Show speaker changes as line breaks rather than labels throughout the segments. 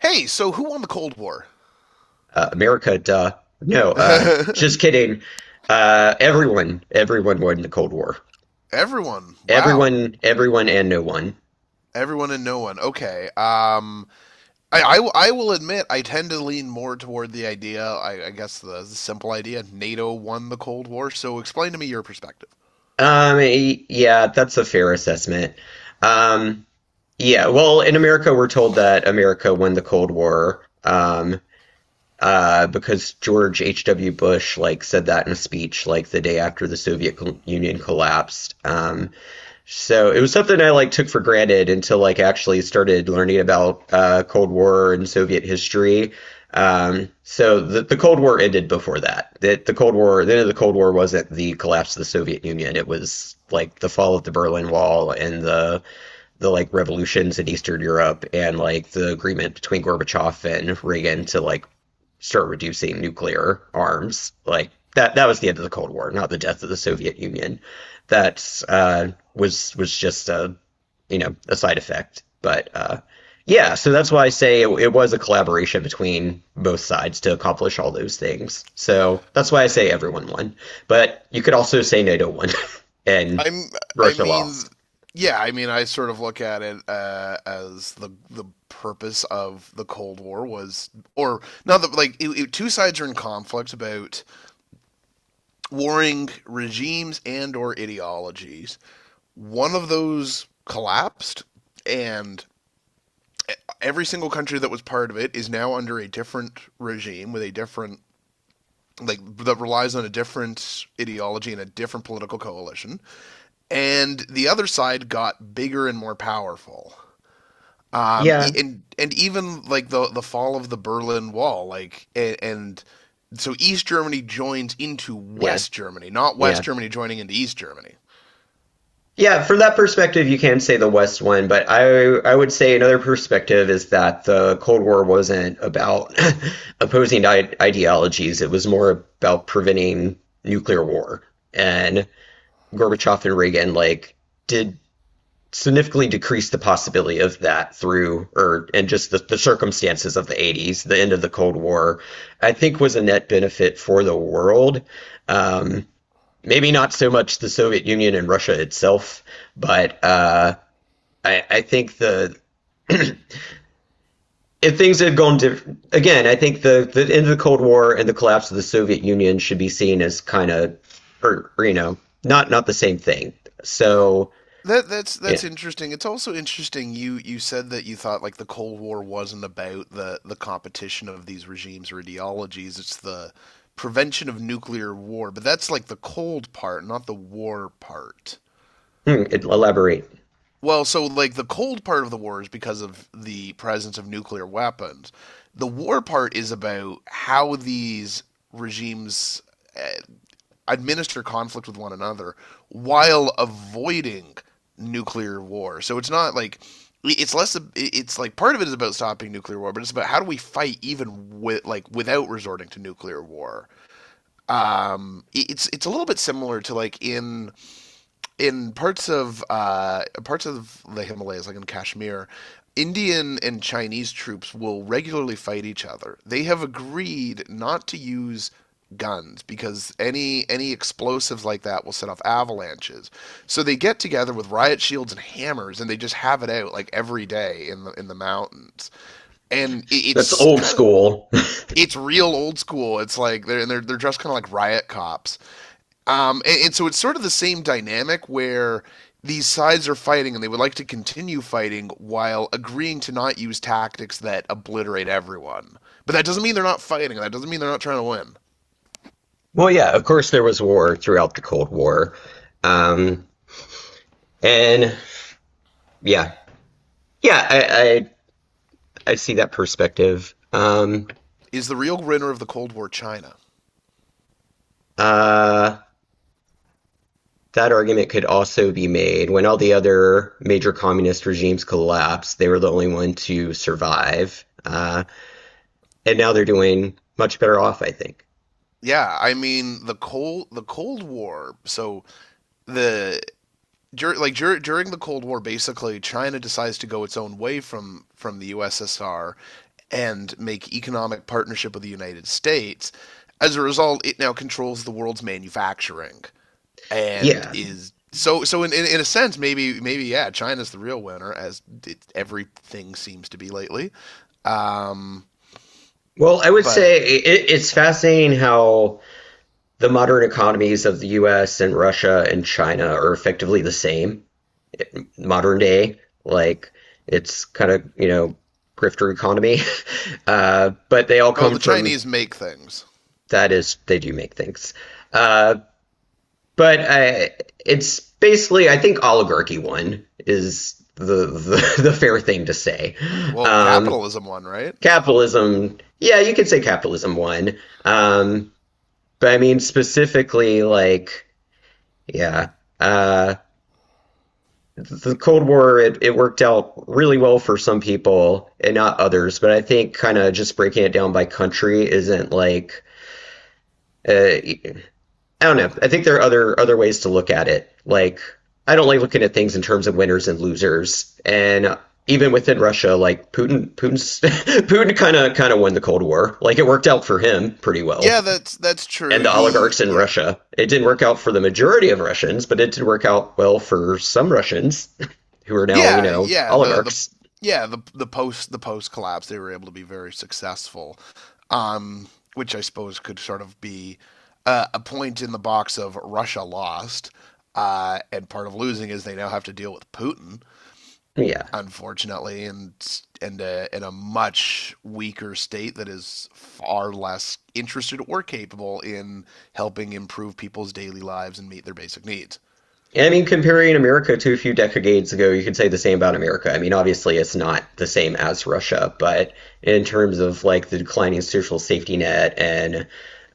Hey, so who won the Cold War?
America, duh. No, just kidding. Everyone won the Cold War.
Everyone. Wow.
Everyone, everyone, and no one.
Everyone and no one. Okay. I will admit I tend to lean more toward the idea. I guess the simple idea: NATO won the Cold War. So explain to me your perspective.
Yeah, that's a fair assessment. Um, yeah, well, in America, we're told that America won the Cold War. Because George H.W. Bush like said that in a speech like the day after the Soviet Union collapsed. So it was something I like took for granted until like actually started learning about Cold War and Soviet history. So the Cold War ended before that. That the Cold War, the end of the Cold War wasn't the collapse of the Soviet Union. It was like the fall of the Berlin Wall and the like revolutions in Eastern Europe and like the agreement between Gorbachev and Reagan to like start reducing nuclear arms. Like that was the end of the Cold War, not the death of the Soviet Union. That was just a a side effect. But yeah, so that's why I say it, it was a collaboration between both sides to accomplish all those things. So that's why I say everyone won. But you could also say NATO won and
I'm. I
Russia
mean,
lost.
yeah. I mean, I sort of look at it as the purpose of the Cold War was, or not that like two sides are in conflict about warring regimes and or ideologies. One of those collapsed, and every single country that was part of it is now under a different regime with a different, like, that relies on a different ideology and a different political coalition, and the other side got bigger and more powerful, um e-
Yeah.
and and even like the fall of the Berlin Wall, like, and so East Germany joins into
Yeah.
West Germany, not West
Yeah.
Germany joining into East Germany.
Yeah, from that perspective, you can say the West won, but I would say another perspective is that the Cold War wasn't about opposing ideologies. It was more about preventing nuclear war. And Gorbachev and Reagan like did significantly decrease the possibility of that through or and just the circumstances of the 80s. The end of the Cold War, I think was a net benefit for the world. Um, Maybe not so much the Soviet Union and Russia itself, but I think the if things had gone different again, I think the end of the Cold War and the collapse of the Soviet Union should be seen as kind of, or, not the same thing. So
That that's
yeah.
that's interesting. It's also interesting you said that you thought like the Cold War wasn't about the competition of these regimes or ideologies. It's the prevention of nuclear war, but that's like the cold part, not the war part.
Hmm, elaborate.
Well, so like the cold part of the war is because of the presence of nuclear weapons. The war part is about how these regimes uh, administer conflict with one another while avoiding nuclear war. So it's not like, it's less, it's like part of it is about stopping nuclear war, but it's about how do we fight even, with like, without resorting to nuclear war. Um, it's a little bit similar to, like, in parts of the Himalayas, like in Kashmir. Indian and Chinese troops will regularly fight each other. They have agreed not to use guns, because any explosives like that will set off avalanches. So they get together with riot shields and hammers, and they just have it out like every day in the mountains. And it,
That's
it's
old
kind of
school.
it's real old school. It's like they're dressed kind of like riot cops, and so it's sort of the same dynamic, where these sides are fighting and they would like to continue fighting while agreeing to not use tactics that obliterate everyone. But that doesn't mean they're not fighting, that doesn't mean they're not trying to win.
Well, yeah, of course there was war throughout the Cold War, um, and yeah, yeah, I see that perspective.
Is the real winner of the Cold War China?
Uh, That argument could also be made when all the other major communist regimes collapsed, they were the only one to survive. And now they're doing much better off, I think.
Yeah, I mean the Cold War. So the dur- like dur- during the Cold War, basically China decides to go its own way from the USSR and make economic partnership with the United States. As a result, it now controls the world's manufacturing, and
Yeah.
is so, in a sense, maybe, yeah, China's the real winner, as it, everything seems to be lately. Um,
Well, I would
but
say it, it's fascinating how the modern economies of the US and Russia and China are effectively the same modern day. Like, it's kind of, grifter economy. But they all
Oh,
come
the
from
Chinese make things.
that is, they do make things. Uh, But It's basically, I think oligarchy won is the fair thing to say.
Hmm, well,
Um,
capitalism won, right?
Capitalism, yeah, you could say capitalism won. Um, but I mean specifically, like, yeah, uh, the Cold War it, it worked out really well for some people and not others. But I think kind of just breaking it down by country isn't like uh, I don't know. I think there are other ways to look at it. Like I don't like looking at things in terms of winners and losers. And even within Russia, like Putin kind of won the Cold War. Like it worked out for him pretty well.
Yeah, that's true.
And the
He
oligarchs in
yeah
Russia, it didn't work out for the majority of Russians, but it did work out well for some Russians who are now,
yeah yeah the the
oligarchs.
yeah the the post the post collapse, they were able to be very successful, um, which I suppose could sort of be a point in the box of Russia lost. And part of losing is they now have to deal with Putin,
Yeah.
unfortunately, and in a much weaker state that is far less interested or capable in helping improve people's daily lives and meet their basic needs.
And I mean, comparing America to a few decades ago, you could say the same about America. I mean, obviously, it's not the same as Russia, but in terms of like the declining social safety net and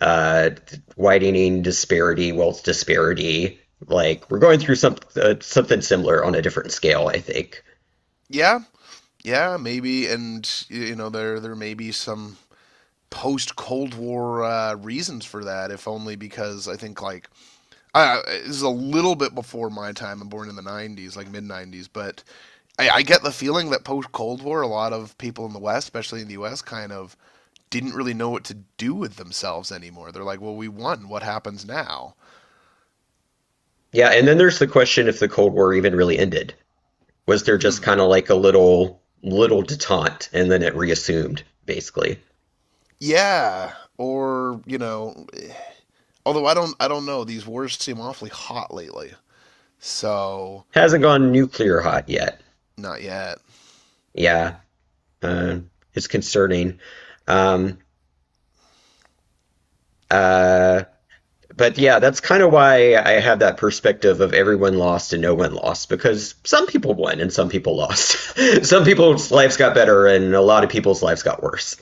uh, widening disparity, wealth disparity, like we're going through some something similar on a different scale, I think.
Yeah, yeah, maybe, and there may be some post Cold War reasons for that, if only because I think like, this is a little bit before my time. I'm born in the 90s, like mid 90s, but I get the feeling that post Cold War, a lot of people in the West, especially in the US, kind of didn't really know what to do with themselves anymore. They're like, well, we won. What happens now?
Yeah, and then there's the question if the Cold War even really ended. Was there just
Hmm.
kind of like a little detente and then it reassumed, basically?
Yeah. Or, although I don't know. These wars seem awfully hot lately. So,
Hasn't gone nuclear hot yet.
not yet.
Yeah. Uh, it's concerning. Um, uh, but yeah, that's kind of why I have that perspective of everyone lost and no one lost because some people won and some people lost. Some people's lives got better and a lot of people's lives got worse.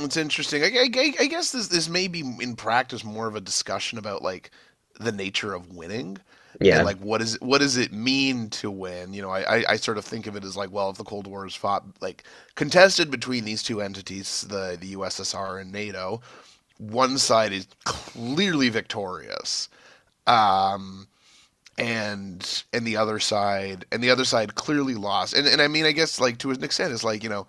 It's interesting. I guess this may be in practice more of a discussion about, like, the nature of winning and,
Yeah,
like, what does it mean to win? You know, I sort of think of it as like, well, if the Cold War is fought, like, contested between these two entities, the USSR and NATO, one side is clearly victorious. Um and the other side clearly lost. And I mean I guess, like, to an extent it's like,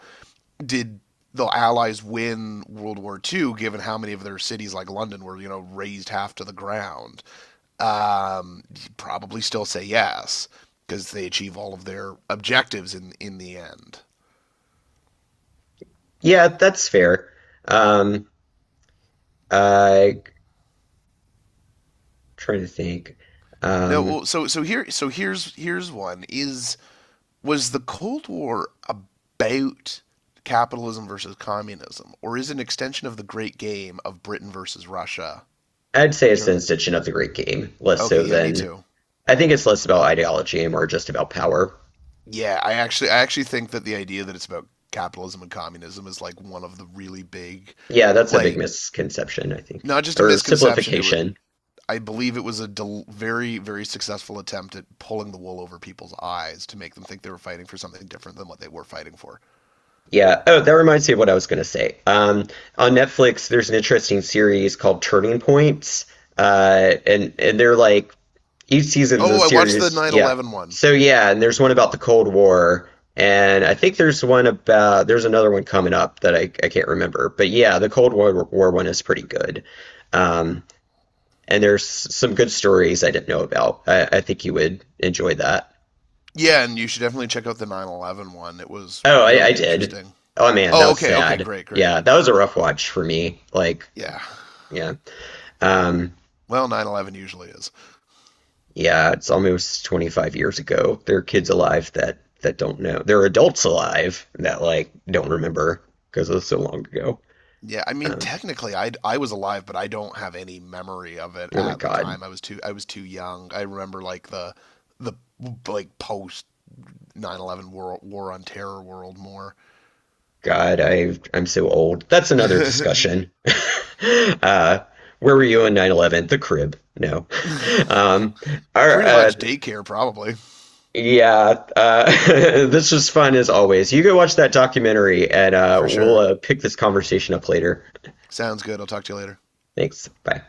did the Allies win World War II, given how many of their cities, like London, were razed half to the ground? You'd probably still say yes, because they achieve all of their objectives in the end.
yeah, that's fair. Um, I Trying to think.
No,
Um,
well, so so here so here's here's one is was the Cold War about capitalism versus communism, or is it an extension of the Great Game of Britain versus Russia?
I'd say it's an extension of the Great Game, less
Okay,
so
yeah, me
than
too.
I think it's less about ideology and more just about power.
Yeah, I actually think that the idea that it's about capitalism and communism is like one of the really big.
Yeah, that's a big
Like,
misconception, I think,
not just a
or
misconception, it was
simplification.
I believe it was a very, very successful attempt at pulling the wool over people's eyes to make them think they were fighting for something different than what they were fighting for.
Yeah. Oh, that reminds me of what I was going to say. On Netflix, there's an interesting series called Turning Points, and they're like each season's a
Oh, I watched the
series.
nine
Yeah.
eleven one.
So yeah, and there's one about the Cold War, and I think there's one about there's another one coming up that I can't remember. But yeah, the Cold War, War one is pretty good, um, and there's some good stories I didn't know about. I think you would enjoy that.
Yeah, and you should definitely check out the 9/11 one. It was
Oh, I
really
did.
interesting.
Oh man, that
Oh,
was
okay, okay,
sad.
great, great.
Yeah, that was a rough watch for me. Like
Yeah.
yeah. Um,
Well, 9/11 usually is.
yeah, it's almost 25 years ago. There are kids alive that don't know. There are adults alive that like don't remember because it was so long ago.
Yeah, I mean,
Um,
technically, I was alive, but I don't have any memory of it
oh my
at the
God.
time. I was too young. I remember, like, the like post 9/11 war, war on terror world more.
God, I'm so old. That's another discussion. uh, where were you on 9/11? The crib. No.
Pretty
Um, our, uh,
much daycare, probably
yeah, this was fun as always. You go watch that documentary and uh,
for
we'll
sure.
uh, pick this conversation up later.
Sounds good. I'll talk to you later.
Thanks. Bye.